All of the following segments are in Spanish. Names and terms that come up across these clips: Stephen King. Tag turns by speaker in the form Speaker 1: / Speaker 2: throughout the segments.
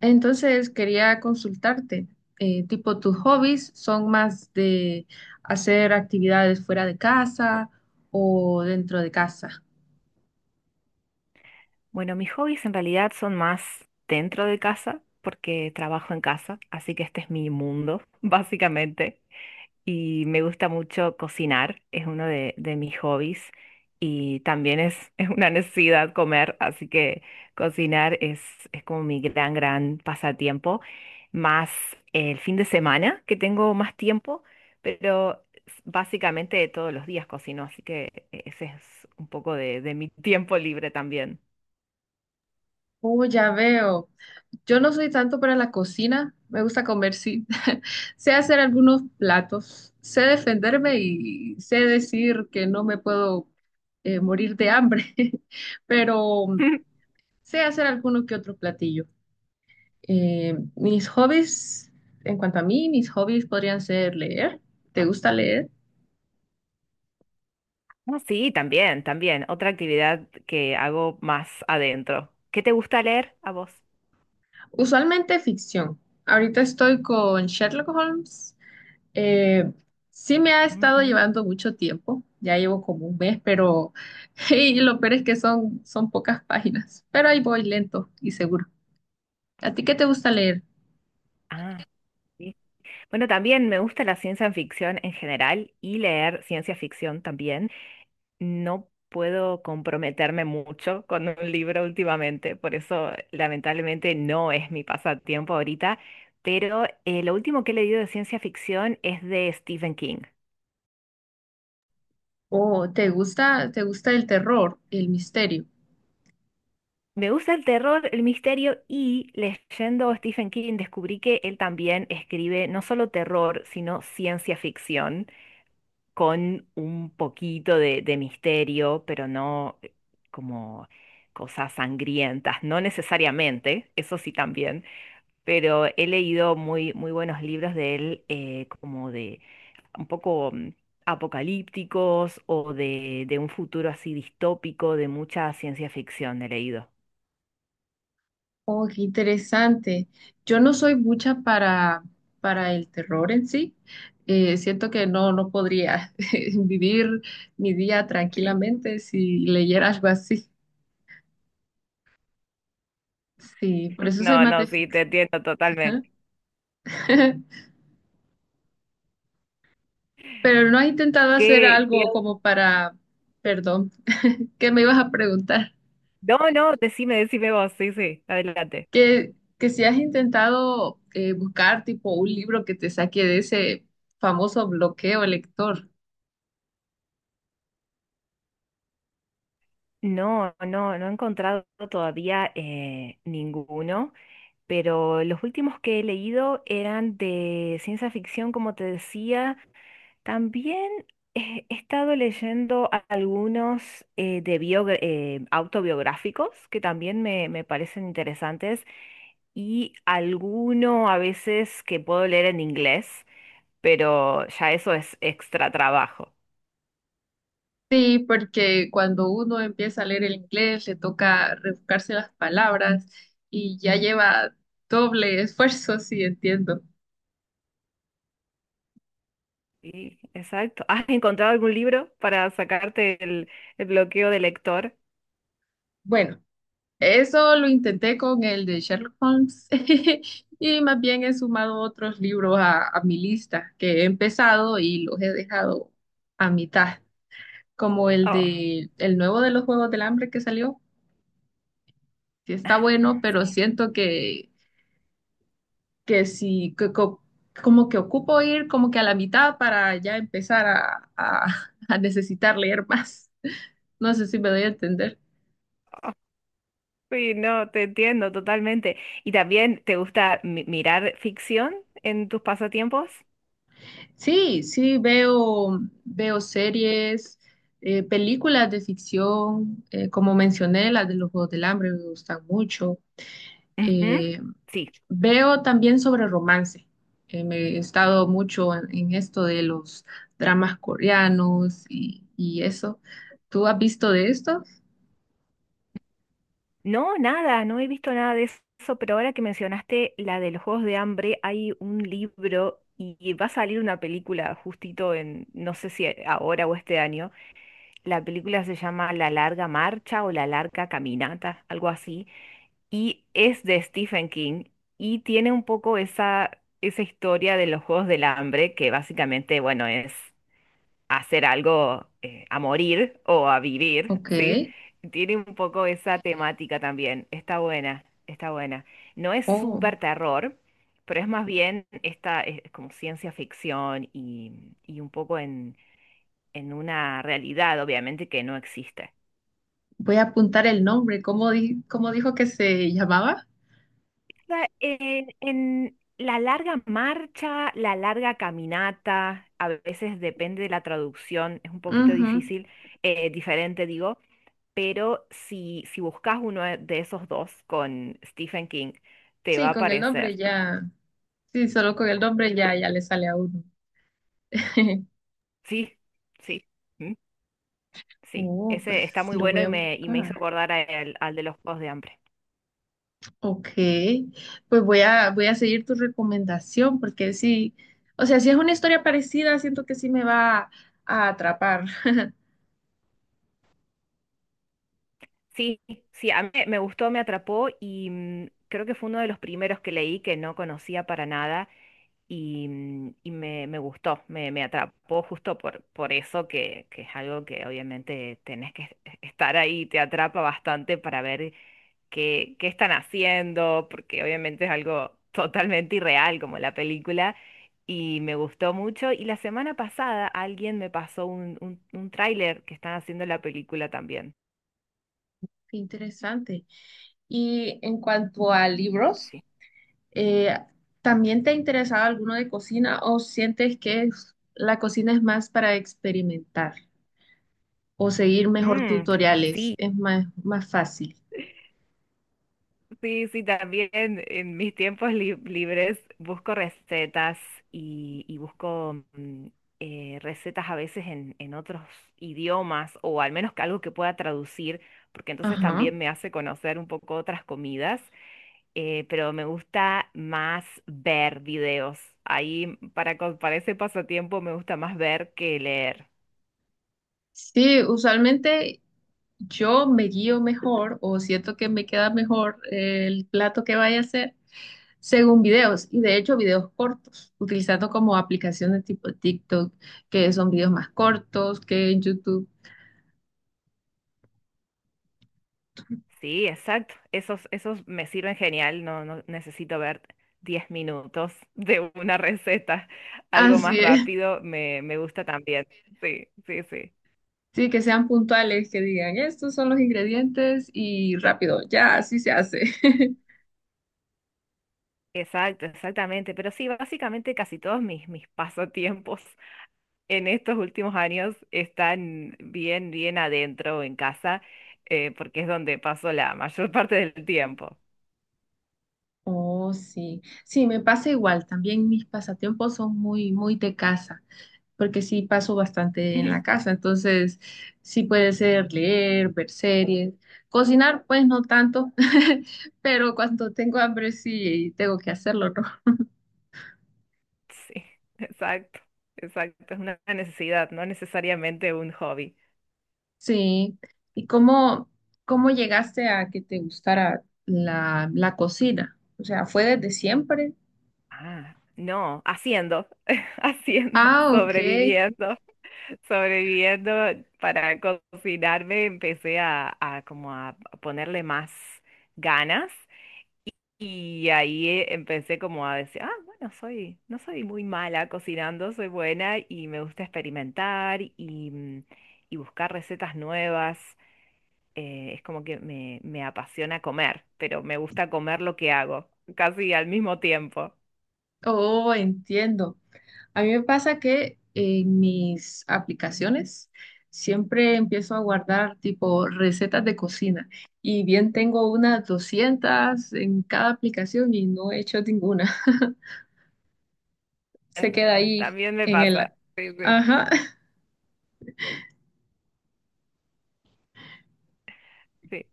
Speaker 1: Entonces quería consultarte, tipo, ¿tus hobbies son más de hacer actividades fuera de casa o dentro de casa?
Speaker 2: Bueno, mis hobbies en realidad son más dentro de casa, porque trabajo en casa, así que este es mi mundo, básicamente. Y me gusta mucho cocinar, es uno de mis hobbies. Y también es una necesidad comer, así que cocinar es como mi gran, gran pasatiempo. Más el fin de semana, que tengo más tiempo, pero básicamente todos los días cocino, así que ese es un poco de mi tiempo libre también.
Speaker 1: Oh, ya veo. Yo no soy tanto para la cocina, me gusta comer, sí. Sé hacer algunos platos, sé defenderme y sé decir que no me puedo morir de hambre, pero sé hacer alguno que otro platillo. Mis hobbies, en cuanto a mí, mis hobbies podrían ser leer. ¿Te gusta leer?
Speaker 2: Ah, sí, también, también. Otra actividad que hago más adentro. ¿Qué te gusta leer a vos?
Speaker 1: Usualmente ficción. Ahorita estoy con Sherlock Holmes. Eh, sí me ha estado
Speaker 2: Ujú.
Speaker 1: llevando mucho tiempo. Ya llevo como un mes, pero y lo peor es que son pocas páginas. Pero ahí voy lento y seguro. ¿A ti qué te gusta leer?
Speaker 2: Ah, sí. Bueno, también me gusta la ciencia ficción en general y leer ciencia ficción también. No puedo comprometerme mucho con un libro últimamente, por eso lamentablemente no es mi pasatiempo ahorita, pero lo último que he leído de ciencia ficción es de Stephen King.
Speaker 1: ¿O te gusta el terror, el misterio?
Speaker 2: Me gusta el terror, el misterio y leyendo a Stephen King descubrí que él también escribe no solo terror, sino ciencia ficción con un poquito de misterio, pero no como cosas sangrientas, no necesariamente, eso sí también, pero he leído muy, muy buenos libros de él como de un poco apocalípticos o de un futuro así distópico, de mucha ciencia ficción he leído.
Speaker 1: Oh, qué interesante. Yo no soy mucha para el terror en sí. Siento que no, no podría vivir mi día tranquilamente si leyera algo así. Sí, por eso soy
Speaker 2: No,
Speaker 1: más de
Speaker 2: no, sí,
Speaker 1: ficción.
Speaker 2: te entiendo
Speaker 1: Ajá.
Speaker 2: totalmente.
Speaker 1: Pero no has intentado hacer
Speaker 2: ¿Qué-
Speaker 1: algo como para, perdón, ¿qué me ibas a preguntar?
Speaker 2: No, no, decime vos, sí, sí, adelante.
Speaker 1: Que si has intentado buscar tipo un libro que te saque de ese famoso bloqueo lector.
Speaker 2: No, no, no he encontrado todavía ninguno, pero los últimos que he leído eran de ciencia ficción, como te decía. También he estado leyendo algunos de autobiográficos que también me parecen interesantes y alguno a veces que puedo leer en inglés, pero ya eso es extra trabajo.
Speaker 1: Sí, porque cuando uno empieza a leer el inglés le toca rebuscarse las palabras y ya lleva doble esfuerzo, sí, entiendo.
Speaker 2: Sí, exacto. ¿Has encontrado algún libro para sacarte el bloqueo de lector?
Speaker 1: Bueno, eso lo intenté con el de Sherlock Holmes y más bien he sumado otros libros a mi lista que he empezado y los he dejado a mitad, como el
Speaker 2: Oh,
Speaker 1: de el nuevo de los Juegos del Hambre que salió, que está bueno,
Speaker 2: ah,
Speaker 1: pero
Speaker 2: sí.
Speaker 1: siento que si, que co- como que ocupo ir como que a la mitad para ya empezar a necesitar leer más. No sé si me doy a entender.
Speaker 2: Oh, sí, no, te entiendo totalmente. ¿Y también te gusta mirar ficción en tus pasatiempos?
Speaker 1: Sí, sí, veo series, películas de ficción, como mencioné, las de los Juegos del Hambre me gustan mucho.
Speaker 2: Ujú.
Speaker 1: Eh,
Speaker 2: Sí.
Speaker 1: Veo también sobre romance. Me he estado mucho en esto de los dramas coreanos y eso. ¿Tú has visto de esto?
Speaker 2: No, nada, no he visto nada de eso, pero ahora que mencionaste la de los Juegos de Hambre, hay un libro y va a salir una película justito en, no sé si ahora o este año. La película se llama La larga marcha o La larga caminata, algo así, y es de Stephen King y tiene un poco esa, historia de los Juegos del Hambre, que básicamente, bueno, es hacer algo a morir o a vivir,
Speaker 1: Ok.
Speaker 2: ¿sí? Tiene un poco esa temática también. Está buena, está buena. No es
Speaker 1: Oh,
Speaker 2: súper terror, pero es más bien esta, es como ciencia ficción y un poco en una realidad, obviamente, que no existe.
Speaker 1: voy a apuntar el nombre. ¿Cómo dijo que se llamaba?
Speaker 2: Sea, en la larga marcha, la larga caminata, a veces depende de la traducción, es un poquito
Speaker 1: Ujú.
Speaker 2: difícil, diferente digo, pero si buscas uno de esos dos con Stephen King, te va
Speaker 1: Sí,
Speaker 2: a
Speaker 1: con el nombre
Speaker 2: aparecer.
Speaker 1: ya. Sí, solo con el nombre ya, ya le sale a uno.
Speaker 2: Sí, sí, mm, sí.
Speaker 1: Oh,
Speaker 2: Ese está
Speaker 1: pues
Speaker 2: muy
Speaker 1: lo
Speaker 2: bueno
Speaker 1: voy
Speaker 2: y
Speaker 1: a
Speaker 2: me, y me
Speaker 1: buscar.
Speaker 2: hizo acordar a al de los Juegos de Hambre.
Speaker 1: Ok, pues voy a seguir tu recomendación porque sí, o sea, si es una historia parecida, siento que sí me va a atrapar.
Speaker 2: Sí, sí, a mí me gustó, me atrapó y creo que fue uno de los primeros que leí que no conocía para nada y me gustó, me atrapó justo por eso que es algo que obviamente tenés que estar ahí, te atrapa bastante para ver qué están haciendo, porque obviamente es algo totalmente irreal como la película y me gustó mucho. Y la semana pasada alguien me pasó un tráiler que están haciendo la película también.
Speaker 1: Qué interesante. Y en cuanto a libros.
Speaker 2: Sí.
Speaker 1: Eh, ¿También te ha interesado alguno de cocina o sientes que la cocina es más para experimentar o seguir mejor
Speaker 2: Mm,
Speaker 1: tutoriales?
Speaker 2: sí,
Speaker 1: Es más, más fácil.
Speaker 2: sí, sí, también en mis tiempos libres busco recetas y busco recetas a veces en otros idiomas o al menos que algo que pueda traducir, porque entonces
Speaker 1: Ajá.
Speaker 2: también me hace conocer un poco otras comidas, pero me gusta más ver videos. Ahí para ese pasatiempo me gusta más ver que leer.
Speaker 1: Sí, usualmente yo me guío mejor o siento que me queda mejor el plato que vaya a hacer según videos y de hecho videos cortos, utilizando como aplicaciones tipo TikTok, que son videos más cortos que en YouTube.
Speaker 2: Sí, exacto. Esos me sirven genial. No, no necesito ver 10 minutos de una receta. Algo más
Speaker 1: Así es.
Speaker 2: rápido me gusta también. Sí, sí, sí.
Speaker 1: Sí, que sean puntuales, que digan, estos son los ingredientes y rápido, ya así se hace.
Speaker 2: Exacto, exactamente. Pero sí, básicamente casi todos mis pasatiempos en estos últimos años están bien, bien adentro en casa, porque es donde paso la mayor parte del tiempo.
Speaker 1: Oh, sí. Sí, me pasa igual. También mis pasatiempos son muy, muy de casa, porque sí paso bastante en la casa. Entonces, sí puede ser leer, ver series, cocinar, pues no tanto, pero cuando tengo hambre sí tengo que hacerlo, ¿no?
Speaker 2: Sí, exacto, exacto. Es una necesidad, no necesariamente un hobby.
Speaker 1: Sí. ¿Y cómo, cómo llegaste a que te gustara la cocina? O sea, ¿fue desde siempre?
Speaker 2: Ah, no, haciendo, haciendo,
Speaker 1: Ah, ok.
Speaker 2: sobreviviendo para cocinarme, empecé a como a ponerle más ganas y ahí empecé como a decir, ah, bueno, soy, no soy muy mala cocinando, soy buena y me gusta experimentar y buscar recetas nuevas. Es como que me apasiona comer, pero me gusta comer lo que hago, casi al mismo tiempo.
Speaker 1: Oh, entiendo. A mí me pasa que en mis aplicaciones siempre empiezo a guardar tipo recetas de cocina y bien tengo unas 200 en cada aplicación y no he hecho ninguna. Se queda ahí
Speaker 2: También me
Speaker 1: en el...
Speaker 2: pasa. Sí, sí, sí,
Speaker 1: Ajá.
Speaker 2: sí,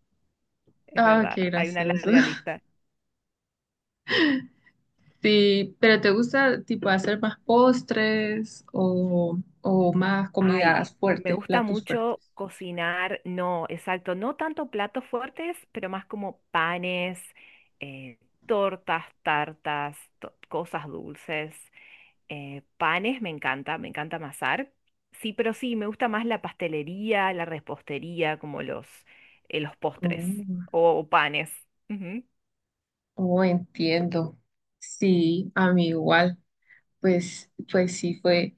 Speaker 2: es
Speaker 1: Ah,
Speaker 2: verdad.
Speaker 1: qué
Speaker 2: Hay una
Speaker 1: gracioso.
Speaker 2: larga lista.
Speaker 1: Sí, pero ¿te gusta tipo hacer más postres o más
Speaker 2: Ay,
Speaker 1: comidas
Speaker 2: me
Speaker 1: fuertes,
Speaker 2: gusta
Speaker 1: platos fuertes?
Speaker 2: mucho cocinar, no, exacto, no tanto platos fuertes, pero más como panes, eh, tortas, tartas, cosas dulces. Panes me encanta amasar. Sí, pero sí, me gusta más la pastelería, la repostería, como los postres
Speaker 1: Oh.
Speaker 2: o panes. Ujú.
Speaker 1: Oh, entiendo. Sí, a mí igual. Pues, pues sí, fue,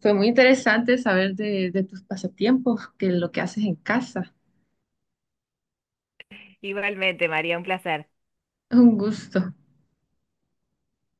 Speaker 1: fue muy interesante saber de tus pasatiempos, que lo que haces en casa.
Speaker 2: Igualmente, María, un placer.
Speaker 1: Un gusto.